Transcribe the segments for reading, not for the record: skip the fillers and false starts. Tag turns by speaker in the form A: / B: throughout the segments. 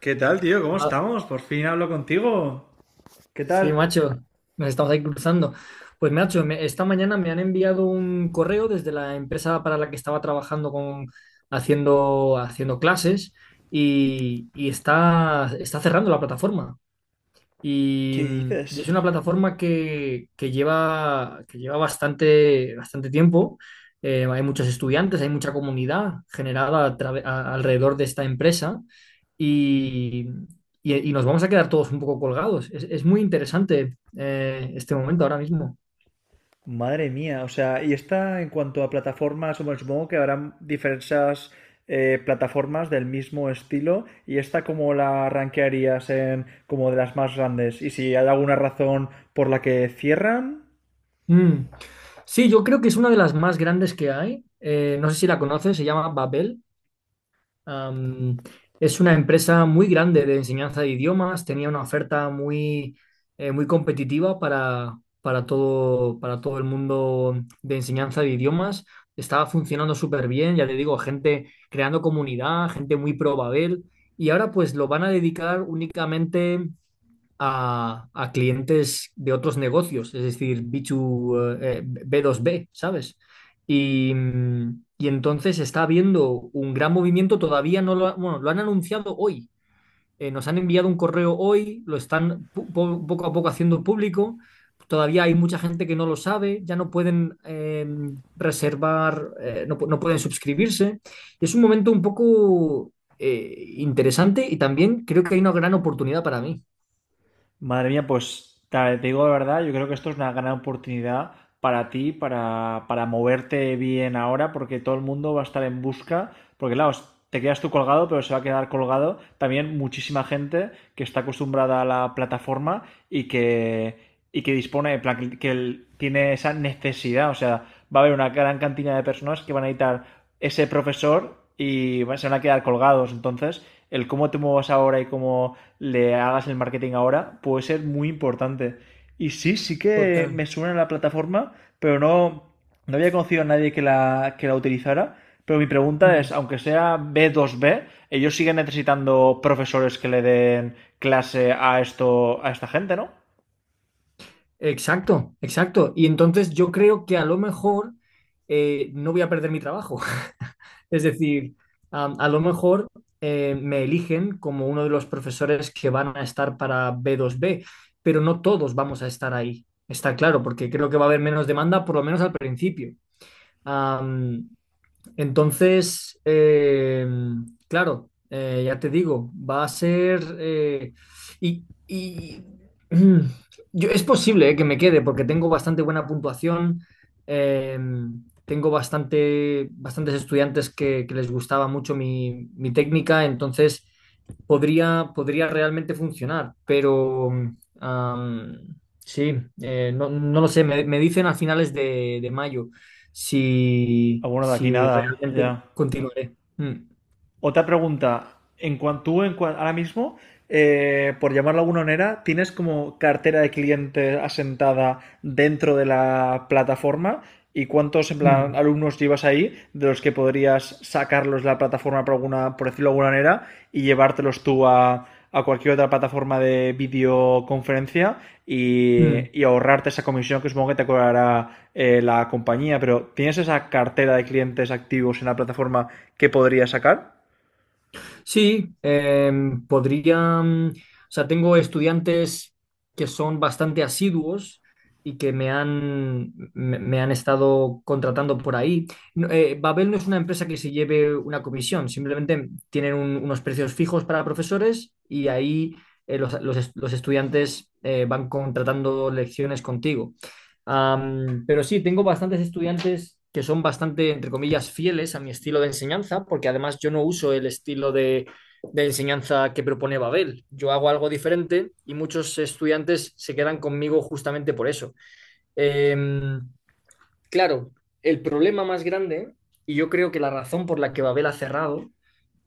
A: ¿Qué tal, tío? ¿Cómo
B: Hola.
A: estamos? Por fin hablo contigo. ¿Qué
B: Sí,
A: tal?
B: macho, nos estamos ahí cruzando. Pues, macho, esta mañana me han enviado un correo desde la empresa para la que estaba trabajando con, haciendo clases y está cerrando la plataforma.
A: ¿Qué
B: Y, y
A: dices?
B: es una plataforma que lleva bastante tiempo. Hay muchos estudiantes, hay mucha comunidad generada alrededor de esta empresa y, y nos vamos a quedar todos un poco colgados. Es muy interesante este momento ahora mismo.
A: Madre mía. O sea, y esta en cuanto a plataformas, bueno, supongo que habrán diversas plataformas del mismo estilo, y esta como la rankearías, en como de las más grandes, y si hay alguna razón por la que cierran.
B: Mm. Sí, yo creo que es una de las más grandes que hay. No sé si la conoces, se llama Babel. Am, es una empresa muy grande de enseñanza de idiomas, tenía una oferta muy competitiva para todo el mundo de enseñanza de idiomas. Estaba funcionando súper bien, ya te digo, gente creando comunidad, gente muy pro Babel, y ahora pues lo van a dedicar únicamente a clientes de otros negocios, es decir, B2, B2B, ¿sabes? Y, y entonces está habiendo un gran movimiento, todavía no lo, ha- bueno, lo han anunciado hoy, nos han enviado un correo hoy, lo están poco a poco haciendo público, todavía hay mucha gente que no lo sabe, ya no pueden reservar, no, no pueden suscribirse. Es un momento un poco... interesante, y también creo que hay una gran oportunidad para mí.
A: Madre mía, pues te digo la verdad, yo creo que esto es una gran oportunidad para ti, para moverte bien ahora, porque todo el mundo va a estar en busca, porque claro, te quedas tú colgado, pero se va a quedar colgado también muchísima gente que está acostumbrada a la plataforma y que, y que dispone, en plan, que tiene esa necesidad. O sea, va a haber una gran cantidad de personas que van a necesitar ese profesor y se van a quedar colgados. Entonces, el cómo te muevas ahora y cómo le hagas el marketing ahora puede ser muy importante. Y sí, sí que
B: Total.
A: me suena la plataforma, pero no, no había conocido a nadie que que la utilizara. Pero mi pregunta es,
B: Mm.
A: aunque sea B2B, ellos siguen necesitando profesores que le den clase a esto, a esta gente, ¿no?
B: Exacto, exacto. Y entonces yo creo que a lo mejor no voy a perder mi trabajo. Es decir, lo mejor me eligen como uno de los profesores que van a estar para b dos b, pero no todos vamos a estar ahí. Está claro, porque creo que va a haber menos demanda, por lo menos al principio. Entonces, claro, ya te digo, va a ser... y y, mm, yo, es posible que me quede porque tengo bastante buena puntuación, eh, tengo bastantes estudiantes que les gustaba mucho mi, mi técnica, entonces podría realmente funcionar, pero sí, no, no lo sé, me dicen a finales de mayo
A: A
B: si,
A: bueno, de aquí
B: si
A: nada,
B: realmente
A: ya.
B: continuaré. Mm,
A: Otra pregunta. En cuanto ahora mismo, por llamarlo de alguna manera, ¿tienes como cartera de clientes asentada dentro de la plataforma? ¿Y cuántos en plan
B: mm,
A: alumnos llevas ahí, de los que podrías sacarlos de la plataforma, por alguna, por decirlo de alguna manera, y llevártelos tú a cualquier otra plataforma de videoconferencia
B: mm.
A: y ahorrarte esa comisión que supongo que te cobrará la compañía? Pero ¿tienes esa cartera de clientes activos en la plataforma que podrías sacar?
B: Sí, podría, mm, o sea, tengo estudiantes que son bastante asiduos y que me han estado contratando por ahí. No, Babel no es una empresa que se lleve una comisión, simplemente tienen unos precios fijos para profesores y ahí los estudiantes van contratando lecciones contigo. Pero sí, tengo bastantes estudiantes que son bastante, entre comillas, fieles a mi estilo de enseñanza, porque además yo no uso el estilo de enseñanza que propone Babel. Yo hago algo diferente y muchos estudiantes se quedan conmigo justamente por eso. Em, claro, el problema más grande, y yo creo que la razón por la que Babel ha cerrado,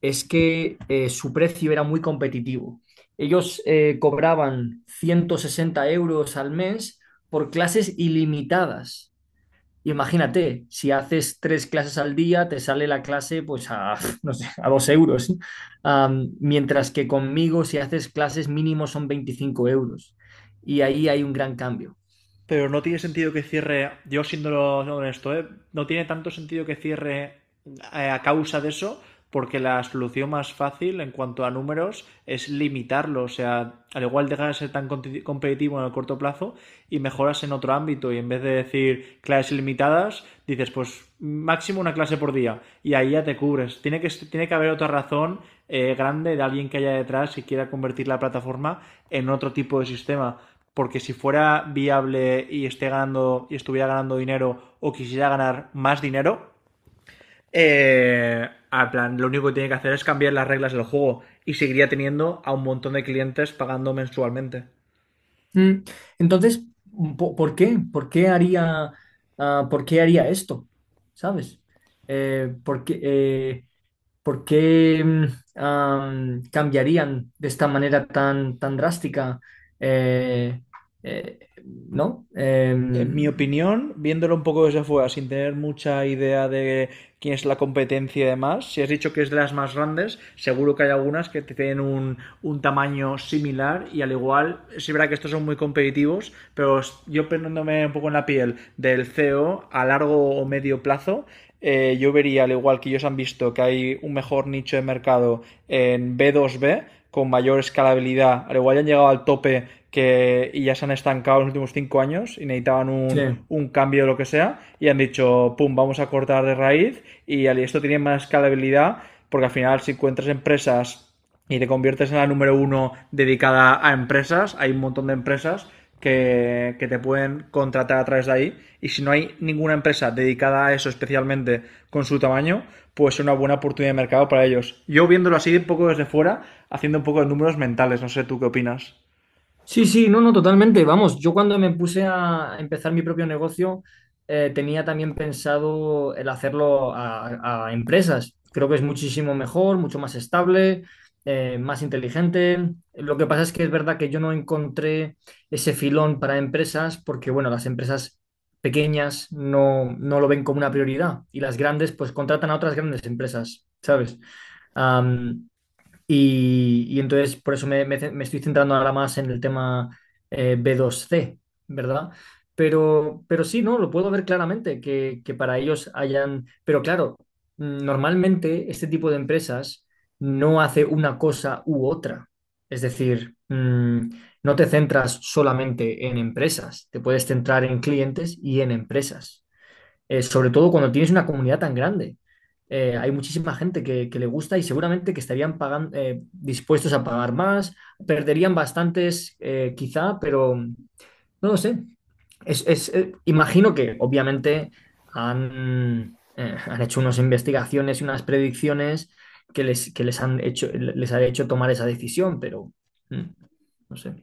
B: es que su precio era muy competitivo. Ellos cobraban 160 euros al mes por clases ilimitadas. Y imagínate, si haces tres clases al día, te sale la clase pues a, no sé, a dos euros. ¿Eh? Mientras que conmigo, si haces clases mínimo son 25 euros. Y ahí hay un gran cambio.
A: Pero no tiene sentido que cierre, yo siendo honesto, ¿eh? No tiene tanto sentido que cierre a causa de eso, porque la solución más fácil en cuanto a números es limitarlo. O sea, al igual dejar de ser tan competitivo en el corto plazo y mejoras en otro ámbito. Y en vez de decir clases ilimitadas, dices pues máximo una clase por día y ahí ya te cubres. Tiene que haber otra razón grande, de alguien que haya detrás y quiera convertir la plataforma en otro tipo de sistema, porque si fuera viable y estuviera ganando dinero, o quisiera ganar más dinero, a plan, lo único que tiene que hacer es cambiar las reglas del juego, y seguiría teniendo a un montón de clientes pagando mensualmente.
B: Mm, Entonces, ¿por qué? ¿Por qué haría esto? ¿Sabes? Eh, porque, ¿Por qué cambiarían de esta manera tan drástica? Eh, eh, ¿No?
A: En mi
B: Em,
A: opinión, viéndolo un poco desde afuera, sin tener mucha idea de quién es la competencia y demás, si has dicho que es de las más grandes, seguro que hay algunas que te tienen un tamaño similar y al igual, sí verá que estos son muy competitivos, pero yo poniéndome un poco en la piel del CEO a largo o medio plazo, yo vería, al igual que ellos han visto, que hay un mejor nicho de mercado en B2B con mayor escalabilidad. Al igual ya han llegado al tope que, y ya se han estancado en los últimos cinco años y necesitaban
B: sí.
A: un cambio o lo que sea y han dicho, pum, vamos a cortar de raíz, y al esto tiene más escalabilidad, porque al final si encuentras empresas y te conviertes en la número uno dedicada a empresas. Hay un montón de empresas que te pueden contratar a través de ahí. Y si no hay ninguna empresa dedicada a eso especialmente con su tamaño, pues es una buena oportunidad de mercado para ellos. Yo viéndolo así un poco desde fuera, haciendo un poco de números mentales, no sé tú qué opinas.
B: Sí, sí, no, no, totalmente. Vamos, yo cuando me puse a empezar mi propio negocio, tenía también pensado el hacerlo a empresas. Creo que es muchísimo mejor, mucho más estable, más inteligente. Lo que pasa es que es verdad que yo no encontré ese filón para empresas porque, bueno, las empresas pequeñas no, no lo ven como una prioridad, y las grandes pues contratan a otras grandes empresas, ¿sabes? Am, y, y entonces por eso me estoy centrando ahora más en el tema B2C, ¿verdad? Pero sí, ¿no? Lo puedo ver claramente, que para ellos hayan... Pero claro, normalmente este tipo de empresas no hace una cosa u otra. Es decir, no te centras solamente en empresas, te puedes centrar en clientes y en empresas sobre todo cuando tienes una comunidad tan grande. Hay muchísima gente que le gusta y seguramente que estarían dispuestos a pagar más, perderían bastantes quizá, pero no lo sé. Imagino que obviamente han hecho unas investigaciones y unas predicciones que les han hecho, les ha hecho tomar esa decisión, pero mm, no sé.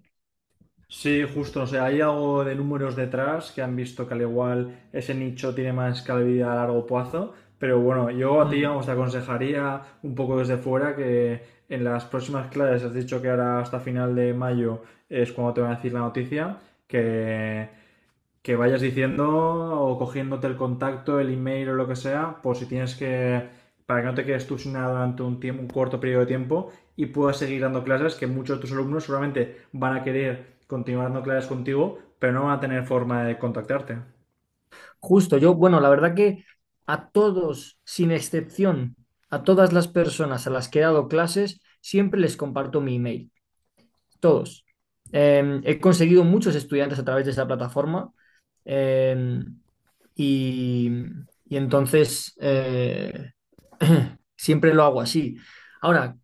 A: Sí, justo, o sea, hay algo de números detrás que han visto que al igual ese nicho tiene más calidad a largo plazo, pero bueno, yo a ti
B: Mm.
A: vamos, te aconsejaría un poco desde fuera que en las próximas clases, has dicho que ahora hasta final de mayo es cuando te van a decir la noticia, que que vayas diciendo o cogiéndote el contacto, el email o lo que sea, por si tienes que, para que no te quedes tú sin nada durante tiempo, un corto periodo de tiempo, y puedas seguir dando clases, que muchos de tus alumnos seguramente van a querer continuar dando clases contigo, pero no van a tener forma de contactarte.
B: Justo, yo, bueno, la verdad que a todos, sin excepción, a todas las personas a las que he dado clases, siempre les comparto mi email, todos. He conseguido muchos estudiantes a través de esa plataforma eh, y, y entonces siempre lo hago así. Ahora,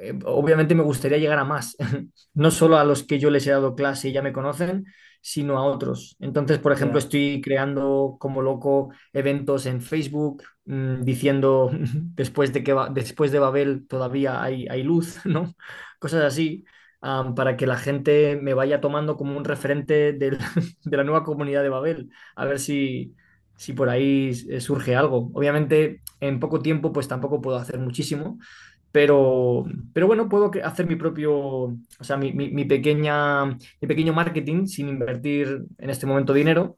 B: obviamente me gustaría llegar a más, no solo a los que yo les he dado clase y ya me conocen, sino a otros. Entonces, por
A: Ya.
B: ejemplo,
A: Yeah.
B: estoy creando como loco eventos en Facebook, diciendo después de que después de Babel todavía hay, hay luz, ¿no? Cosas así para que la gente me vaya tomando como un referente de la nueva comunidad de Babel, a ver si, si por ahí surge algo. Obviamente, en poco tiempo, pues tampoco puedo hacer muchísimo, pero, pero bueno, puedo hacer mi propio, o sea, mi pequeña, mi pequeño marketing sin invertir en este momento dinero.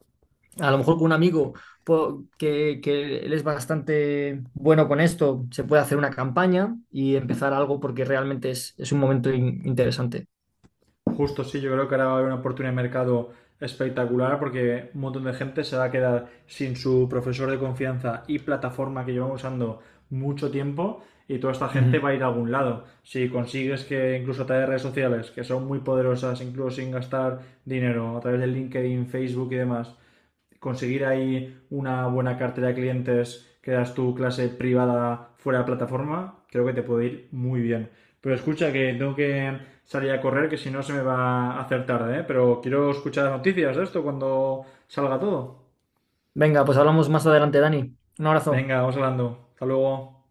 B: A lo mejor con un amigo que él es bastante bueno con esto, se puede hacer una campaña y empezar algo porque realmente es un momento interesante.
A: Justo sí, yo creo que ahora va a haber una oportunidad de mercado espectacular, porque un montón de gente se va a quedar sin su profesor de confianza y plataforma que llevan usando mucho tiempo, y toda esta gente va
B: Ujú.
A: a ir a algún lado. Si consigues que, incluso a través de redes sociales, que son muy poderosas, incluso sin gastar dinero, a través de LinkedIn, Facebook y demás, conseguir ahí una buena cartera de clientes que das tu clase privada fuera de plataforma, creo que te puede ir muy bien. Pero escucha, que tengo que salir a correr, que si no se me va a hacer tarde, ¿eh? Pero quiero escuchar las noticias de esto cuando salga todo.
B: Venga, pues hablamos más adelante, Dani. Un abrazo.
A: Venga, vamos hablando. Hasta luego.